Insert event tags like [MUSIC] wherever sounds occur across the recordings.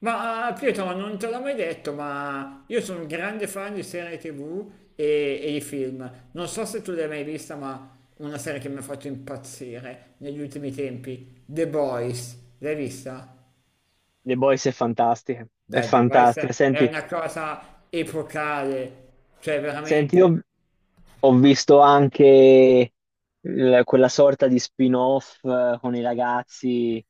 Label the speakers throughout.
Speaker 1: Pietro, ma non te l'ho mai detto, ma io sono un grande fan di serie TV e di film. Non so se tu l'hai mai vista, ma una serie che mi ha fatto impazzire negli ultimi tempi, The Boys. L'hai vista?
Speaker 2: The Boys è fantastica, è
Speaker 1: Dai, The Boys
Speaker 2: fantastica.
Speaker 1: è
Speaker 2: Senti,
Speaker 1: una cosa epocale, cioè
Speaker 2: senti,
Speaker 1: veramente.
Speaker 2: io ho visto anche quella sorta di spin-off con i ragazzi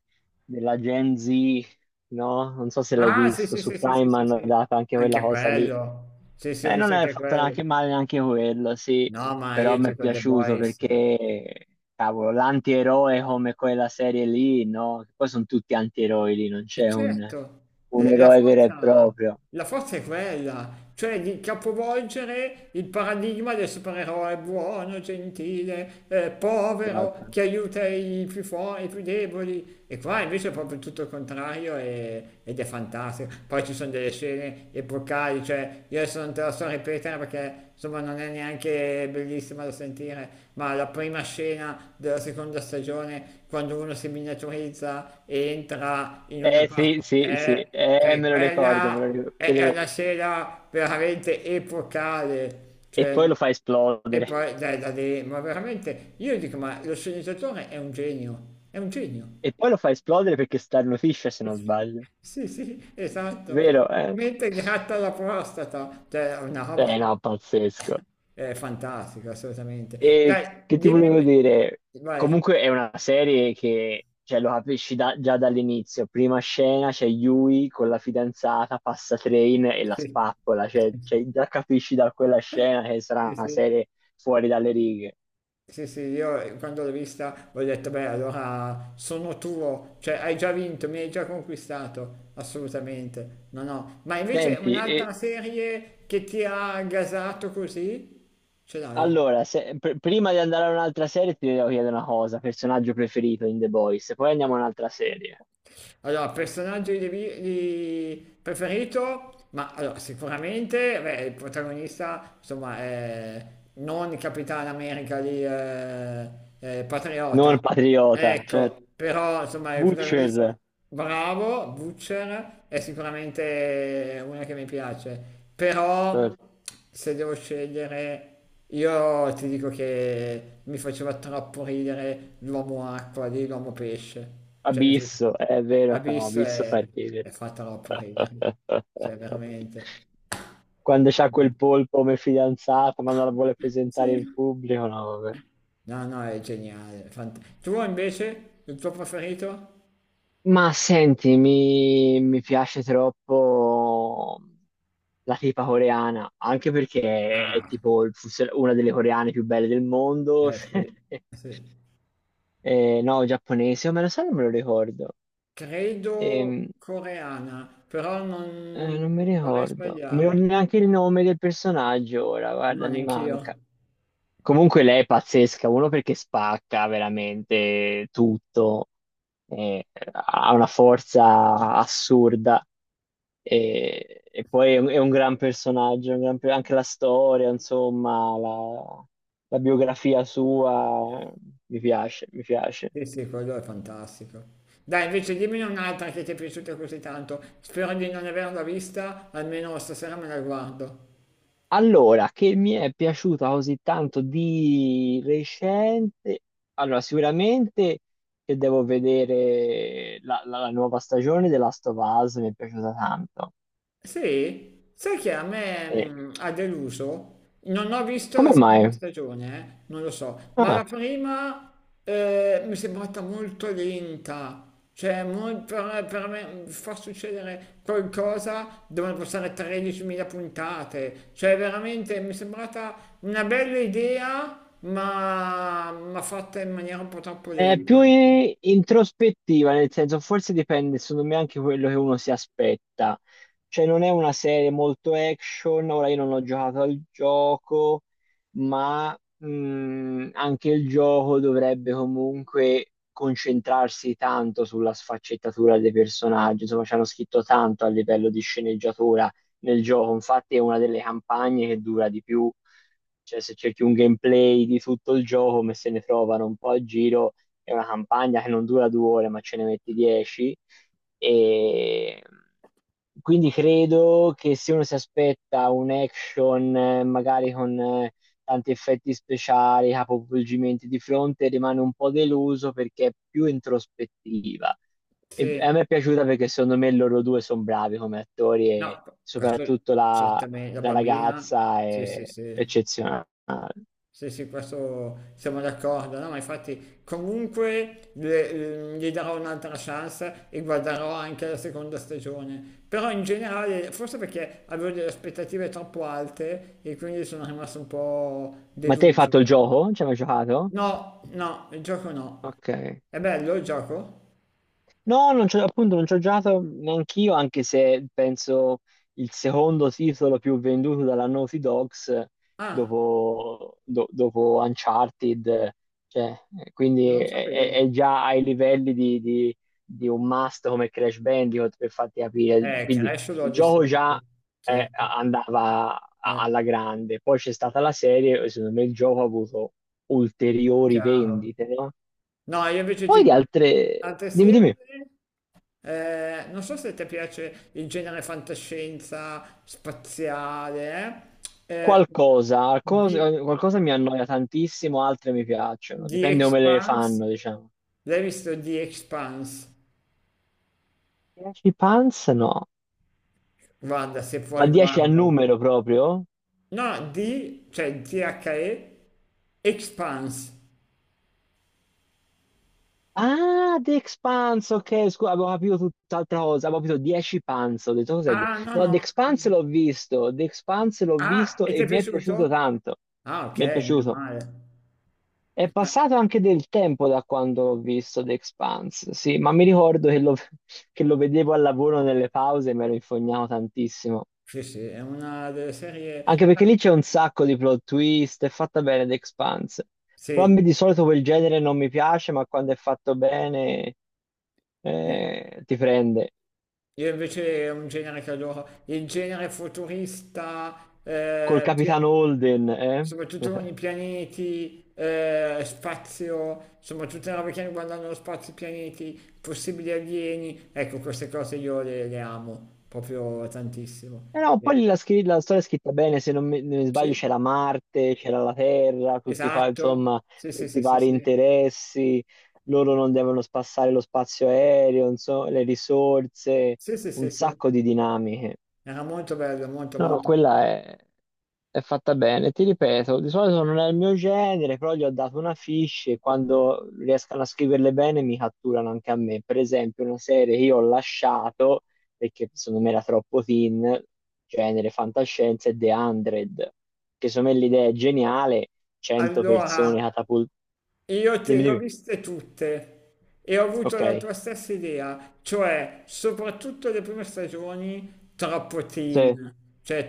Speaker 2: della Gen Z, no? Non so se l'hai
Speaker 1: Ah, sì,
Speaker 2: visto,
Speaker 1: sì,
Speaker 2: su
Speaker 1: sì, sì, sì,
Speaker 2: Prime
Speaker 1: sì,
Speaker 2: hanno
Speaker 1: sì.
Speaker 2: dato anche quella
Speaker 1: Anche
Speaker 2: cosa lì.
Speaker 1: quello. Sì, sì, ho
Speaker 2: E non
Speaker 1: visto
Speaker 2: è
Speaker 1: anche
Speaker 2: fatto
Speaker 1: quello.
Speaker 2: neanche male neanche quello, sì,
Speaker 1: No, ma
Speaker 2: però
Speaker 1: io
Speaker 2: mi è
Speaker 1: dico The
Speaker 2: piaciuto
Speaker 1: Boys.
Speaker 2: perché, cavolo, l'antieroe come quella serie lì, no? Poi sono tutti antieroi lì, non
Speaker 1: E
Speaker 2: c'è un
Speaker 1: certo,
Speaker 2: un
Speaker 1: eh, la
Speaker 2: eroe vero e
Speaker 1: forza,
Speaker 2: proprio.
Speaker 1: la forza è quella, cioè di capovolgere il paradigma del supereroe buono, gentile, povero,
Speaker 2: Esatto.
Speaker 1: che aiuta i più forti, i più deboli. E qua invece è proprio tutto il contrario ed è fantastico. Poi ci sono delle scene epocali, cioè io adesso non te la so ripetere perché insomma non è neanche bellissima da sentire, ma la prima scena della seconda stagione, quando uno si miniaturizza e entra in una
Speaker 2: Eh sì,
Speaker 1: parte,
Speaker 2: sì, sì,
Speaker 1: è, cioè,
Speaker 2: me lo ricordo, me lo
Speaker 1: quella
Speaker 2: ricordo.
Speaker 1: è una scena veramente epocale.
Speaker 2: E poi lo fa
Speaker 1: E
Speaker 2: esplodere.
Speaker 1: poi, dai, da lì, ma veramente, io dico, ma lo sceneggiatore è un genio, è un genio.
Speaker 2: E poi lo fa esplodere perché starnutisce, se non
Speaker 1: [LAUGHS]
Speaker 2: sbaglio.
Speaker 1: Sì, sì, esatto.
Speaker 2: Vero, eh?
Speaker 1: Mentre gratta la prostata, cioè, è una roba
Speaker 2: Eh no, pazzesco.
Speaker 1: fantastica, assolutamente.
Speaker 2: E
Speaker 1: Dai,
Speaker 2: che ti volevo
Speaker 1: dimmi,
Speaker 2: dire?
Speaker 1: vai.
Speaker 2: Comunque è una serie che, cioè, lo capisci già dall'inizio. Prima scena c'è Yui con la fidanzata, passa train e la
Speaker 1: Sì,
Speaker 2: spappola. Cioè,
Speaker 1: [LAUGHS]
Speaker 2: cioè, già capisci da quella scena che
Speaker 1: sì,
Speaker 2: sarà una
Speaker 1: sì,
Speaker 2: serie fuori dalle righe.
Speaker 1: sì, sì, io quando l'ho vista ho detto, beh, allora sono tuo, cioè hai già vinto, mi hai già conquistato, assolutamente, no, no. Ma invece
Speaker 2: Senti,
Speaker 1: un'altra serie che ti ha gasato così, ce l'hai?
Speaker 2: allora, prima di andare a un'altra serie ti devo chiedere una cosa, personaggio preferito in The Boys, poi andiamo a un'altra serie.
Speaker 1: Allora, personaggio preferito, ma allora, sicuramente beh, il protagonista, insomma, è non Capitan America di
Speaker 2: Non
Speaker 1: Patriota.
Speaker 2: Patriota, certo.
Speaker 1: Ecco, però insomma il protagonista
Speaker 2: Butcher,
Speaker 1: bravo, Butcher è sicuramente una che mi piace, però
Speaker 2: certo.
Speaker 1: se devo scegliere io ti dico che mi faceva troppo ridere l'uomo acqua di l'uomo pesce, cioè mi fa-
Speaker 2: Abisso, è vero, no,
Speaker 1: Abyss
Speaker 2: Abisso fa ridere.
Speaker 1: è fa troppo ridere,
Speaker 2: [LAUGHS]
Speaker 1: cioè veramente.
Speaker 2: Quando c'ha
Speaker 1: Fanta-
Speaker 2: quel polpo come fidanzata, ma non la vuole
Speaker 1: [LAUGHS]
Speaker 2: presentare in
Speaker 1: Sì.
Speaker 2: pubblico, no, vabbè.
Speaker 1: No, no, è geniale. Tu invece, il tuo preferito?
Speaker 2: Ma senti, mi piace troppo. La tipa coreana, anche perché è
Speaker 1: Ah,
Speaker 2: tipo una delle coreane più belle del mondo.
Speaker 1: eh sì,
Speaker 2: [LAUGHS]
Speaker 1: sì.
Speaker 2: No, giapponese, o me lo sa, non me lo ricordo.
Speaker 1: Credo
Speaker 2: Ehm,
Speaker 1: coreana, però
Speaker 2: eh,
Speaker 1: non,
Speaker 2: non mi
Speaker 1: non vorrei
Speaker 2: ricordo, non mi ricordo
Speaker 1: sbagliare.
Speaker 2: neanche il nome del personaggio ora,
Speaker 1: No,
Speaker 2: guarda, mi
Speaker 1: neanch'io.
Speaker 2: manca. Comunque lei è pazzesca, uno perché spacca veramente tutto, eh, ha una forza assurda. E poi è un gran personaggio, anche la storia, insomma, la biografia sua, mi piace, mi piace.
Speaker 1: Sì, sì, quello è fantastico. Dai, invece dimmi un'altra che ti è piaciuta così tanto. Spero di non averla vista, almeno stasera me la guardo.
Speaker 2: Allora, che mi è piaciuta così tanto di recente? Allora, sicuramente che devo vedere la nuova stagione della Last of Us, mi è piaciuta tanto.
Speaker 1: Sì, sai che a me
Speaker 2: E-
Speaker 1: ha deluso? Non ho visto la
Speaker 2: Come
Speaker 1: seconda
Speaker 2: mai?
Speaker 1: stagione, non lo so, ma la
Speaker 2: Ah.
Speaker 1: prima mi è sembrata molto lenta. Cioè, per me far succedere qualcosa devono passare 13.000 puntate. Cioè, veramente mi è sembrata una bella idea, ma fatta in maniera un po' troppo
Speaker 2: È più
Speaker 1: lenta. Ecco.
Speaker 2: introspettiva, nel senso, forse dipende, secondo me, anche quello che uno si aspetta. Cioè, non è una serie molto action. Ora io non ho giocato al gioco, ma anche il gioco dovrebbe comunque concentrarsi tanto sulla sfaccettatura dei personaggi. Insomma, ci hanno scritto tanto a livello di sceneggiatura nel gioco. Infatti, è una delle campagne che dura di più. Cioè, se cerchi un gameplay di tutto il gioco, come se ne trovano un po' a giro, è una campagna che non dura 2 ore, ma ce ne metti 10. E quindi credo che se uno si aspetta un action, magari con tanti effetti speciali, capovolgimenti di fronte, rimane un po' deluso perché è più introspettiva. E a
Speaker 1: Sì,
Speaker 2: me è piaciuta perché secondo me loro due sono bravi come attori, e
Speaker 1: no, questo
Speaker 2: soprattutto la,
Speaker 1: certamente la
Speaker 2: la
Speaker 1: bambina.
Speaker 2: ragazza
Speaker 1: Sì, sì,
Speaker 2: è
Speaker 1: sì.
Speaker 2: eccezionale.
Speaker 1: Sì, sì, questo siamo d'accordo, no? Ma infatti comunque gli darò un'altra chance e guarderò anche la seconda stagione. Però in generale, forse perché avevo delle aspettative troppo alte e quindi sono rimasto un po'
Speaker 2: Ma te hai
Speaker 1: deluso.
Speaker 2: fatto il gioco? Ci hai mai giocato?
Speaker 1: No, no, il gioco no.
Speaker 2: Ok.
Speaker 1: È bello il gioco?
Speaker 2: No, non c'ho, appunto non ci ho giocato neanch'io, anche se penso il secondo titolo più venduto dalla Naughty Dogs
Speaker 1: Ah,
Speaker 2: dopo, dopo Uncharted, cioè, quindi
Speaker 1: non lo
Speaker 2: è, è-
Speaker 1: sapevo.
Speaker 2: è già ai livelli di un must come Crash Bandicoot, per farti capire. Quindi
Speaker 1: Crash l'ho
Speaker 2: il gioco
Speaker 1: distrutto,
Speaker 2: già,
Speaker 1: certo.
Speaker 2: andava
Speaker 1: Eh,
Speaker 2: alla grande, poi c'è stata la serie e secondo me il gioco ha avuto ulteriori
Speaker 1: chiaro.
Speaker 2: vendite, no?
Speaker 1: No, io invece ti
Speaker 2: Poi di
Speaker 1: dico
Speaker 2: altre...
Speaker 1: altre
Speaker 2: Dimmi,
Speaker 1: serie.
Speaker 2: dimmi.
Speaker 1: Non so se ti piace il genere fantascienza spaziale, eh? Eh,
Speaker 2: Qualcosa, cos-
Speaker 1: di
Speaker 2: qualcosa mi annoia tantissimo, altre mi piacciono,
Speaker 1: The
Speaker 2: dipende come le
Speaker 1: Expanse.
Speaker 2: fanno, diciamo.
Speaker 1: L'hai visto The Expanse?
Speaker 2: 10 Pants? No,
Speaker 1: Guarda, se
Speaker 2: ma
Speaker 1: puoi
Speaker 2: 10 a
Speaker 1: guardalo.
Speaker 2: numero proprio?
Speaker 1: No, di, cioè The Expanse.
Speaker 2: Ah, The Expanse, ok, scusa, avevo capito tutt'altra cosa, avevo capito 10 Pants, ho detto cos'è?
Speaker 1: Ah, no,
Speaker 2: No,
Speaker 1: no.
Speaker 2: The
Speaker 1: No,
Speaker 2: Expanse
Speaker 1: no.
Speaker 2: l'ho visto, The Expanse l'ho
Speaker 1: Ah,
Speaker 2: visto
Speaker 1: e ti
Speaker 2: e
Speaker 1: è
Speaker 2: mi è piaciuto
Speaker 1: piaciuto?
Speaker 2: tanto,
Speaker 1: Ah, ok,
Speaker 2: mi è
Speaker 1: meno
Speaker 2: piaciuto.
Speaker 1: male.
Speaker 2: È
Speaker 1: Ah,
Speaker 2: passato anche del tempo da quando l'ho visto The Expanse, sì, ma mi ricordo [LAUGHS] che lo vedevo al lavoro nelle pause e mi ero infognato tantissimo.
Speaker 1: sì, sì, è una delle
Speaker 2: Anche
Speaker 1: serie...
Speaker 2: perché lì c'è un sacco di plot twist, è fatta bene The Expanse. Però a
Speaker 1: Sì.
Speaker 2: me di solito quel genere non mi piace, ma quando è fatto bene,
Speaker 1: Eh.
Speaker 2: ti prende.
Speaker 1: Io invece è un genere che adoro, il genere futurista,
Speaker 2: Col
Speaker 1: eh, pia-
Speaker 2: capitano Holden, eh?
Speaker 1: soprattutto con i
Speaker 2: [LAUGHS]
Speaker 1: pianeti, spazio, insomma tutte le robe che riguardano lo spazio, i pianeti, possibili alieni, ecco queste cose io le amo proprio tantissimo.
Speaker 2: Eh no,
Speaker 1: Eh,
Speaker 2: poi la storia è scritta bene, se non mi sbaglio
Speaker 1: Sì,
Speaker 2: c'era Marte, c'era la Terra, tutti,
Speaker 1: esatto,
Speaker 2: insomma,
Speaker 1: sì sì
Speaker 2: tutti i
Speaker 1: sì sì
Speaker 2: vari
Speaker 1: sì,
Speaker 2: interessi, loro non devono spassare lo spazio aereo, insomma, le risorse,
Speaker 1: sì sì
Speaker 2: un
Speaker 1: sì sì,
Speaker 2: sacco di dinamiche.
Speaker 1: era molto bello, molto
Speaker 2: No, no,
Speaker 1: molto.
Speaker 2: quella è fatta bene, ti ripeto, di solito non è il mio genere, però gli ho dato una fiche e quando riescono a scriverle bene mi catturano anche a me. Per esempio, una serie che io ho lasciato perché secondo me era troppo teen, genere fantascienza, è The 100, che secondo me l'idea è geniale, 100 persone
Speaker 1: Allora...
Speaker 2: catapultate.
Speaker 1: Io te
Speaker 2: Dimmi,
Speaker 1: le ho
Speaker 2: dimmi.
Speaker 1: viste tutte e ho avuto
Speaker 2: Ok.
Speaker 1: la tua stessa idea, cioè soprattutto le prime stagioni troppo
Speaker 2: Sì.
Speaker 1: teen, cioè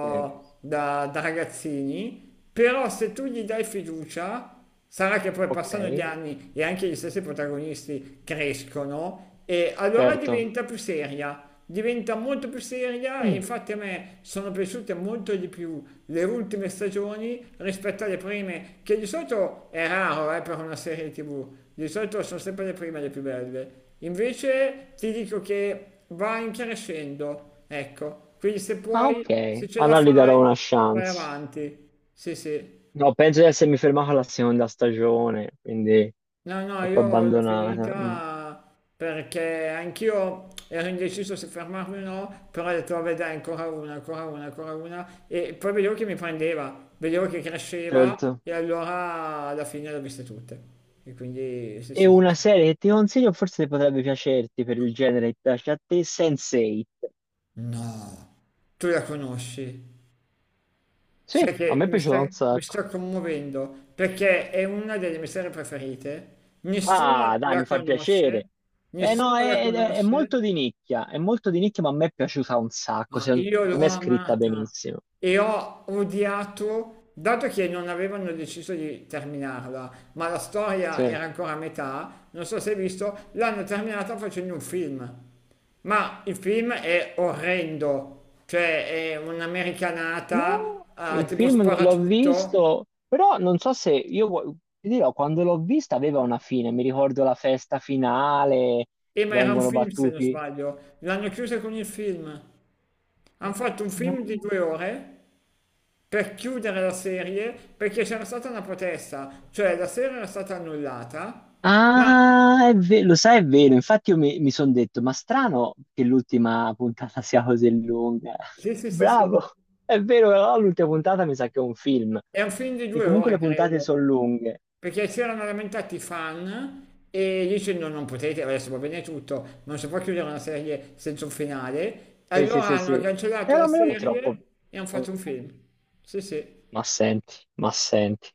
Speaker 2: Sì.
Speaker 1: da, da ragazzini, però se tu gli dai fiducia. Sarà che poi
Speaker 2: Ok,
Speaker 1: passano gli anni e anche gli stessi protagonisti crescono e allora
Speaker 2: certo.
Speaker 1: diventa più seria, diventa molto più seria e
Speaker 2: Mm,
Speaker 1: infatti a me sono piaciute molto di più le ultime stagioni rispetto alle prime, che di solito è raro per una serie TV, di solito sono sempre le prime le più belle. Invece ti dico che va in crescendo, ecco, quindi se
Speaker 2: ah,
Speaker 1: puoi, se
Speaker 2: ok,
Speaker 1: ce la
Speaker 2: allora gli darò una
Speaker 1: fai, vai
Speaker 2: chance.
Speaker 1: avanti. Sì, sì.
Speaker 2: No, penso di essermi fermato alla seconda stagione, quindi...
Speaker 1: No, no,
Speaker 2: troppo
Speaker 1: io l'ho
Speaker 2: abbandonata. Mm,
Speaker 1: finita perché anch'io ero indeciso se fermarmi o no, però ho detto, vabbè, dai, ancora una, ancora una, ancora una. E poi vedevo che mi prendeva, vedevo che cresceva
Speaker 2: certo.
Speaker 1: e allora alla fine le ho viste tutte. E quindi, sì,
Speaker 2: E
Speaker 1: sì, sì.
Speaker 2: una
Speaker 1: Sì.
Speaker 2: serie che ti consiglio, forse potrebbe piacerti per il genere che piace a te, Sense8.
Speaker 1: No, tu la conosci.
Speaker 2: Sì,
Speaker 1: Sai
Speaker 2: a
Speaker 1: che
Speaker 2: me è piaciuto un
Speaker 1: mi sto
Speaker 2: sacco.
Speaker 1: commuovendo perché è una delle mie serie preferite.
Speaker 2: Ah,
Speaker 1: Nessuno
Speaker 2: dai,
Speaker 1: la
Speaker 2: mi fa piacere.
Speaker 1: conosce,
Speaker 2: Eh no,
Speaker 1: nessuno la
Speaker 2: è
Speaker 1: conosce
Speaker 2: molto di nicchia, è molto di nicchia, ma a me è piaciuta un sacco,
Speaker 1: Ma
Speaker 2: secondo
Speaker 1: io l'ho
Speaker 2: me è scritta
Speaker 1: amata
Speaker 2: benissimo.
Speaker 1: e ho odiato, dato che non avevano deciso di terminarla, ma la storia
Speaker 2: Sì.
Speaker 1: era ancora a metà, non so se hai visto, l'hanno terminata facendo un film. Ma il film è orrendo, cioè è un'americanata,
Speaker 2: No,
Speaker 1: ah,
Speaker 2: il
Speaker 1: tipo
Speaker 2: film non l'ho
Speaker 1: sparatutto,
Speaker 2: visto, però non so se io ti dirò, quando l'ho vista aveva una fine, mi ricordo la festa finale,
Speaker 1: e ma era un
Speaker 2: vengono
Speaker 1: film se non
Speaker 2: battuti.
Speaker 1: sbaglio, l'hanno chiusa con il film. Hanno fatto un
Speaker 2: No.
Speaker 1: film di 2 ore per chiudere la serie perché c'era stata una protesta, cioè la serie era stata annullata, ma
Speaker 2: Ah, lo sai, è vero. Infatti, io mi sono detto: ma strano che l'ultima puntata [LAUGHS] sia così lunga. [LAUGHS]
Speaker 1: sì, sì, sì, sì,
Speaker 2: Bravo, è vero, però l'ultima puntata mi sa che è un film.
Speaker 1: è un film di
Speaker 2: E
Speaker 1: due
Speaker 2: comunque
Speaker 1: ore,
Speaker 2: le puntate
Speaker 1: credo,
Speaker 2: sono lunghe.
Speaker 1: perché si erano lamentati i fan e dicendo non potete, adesso va bene tutto, ma non si può chiudere una serie senza un finale,
Speaker 2: Sì, sì,
Speaker 1: allora
Speaker 2: sì, sì.
Speaker 1: hanno
Speaker 2: E
Speaker 1: cancellato la
Speaker 2: non me lo ricordo troppo.
Speaker 1: serie e hanno
Speaker 2: Eh,
Speaker 1: fatto un film. Sì, sì.
Speaker 2: Ma senti, ma senti.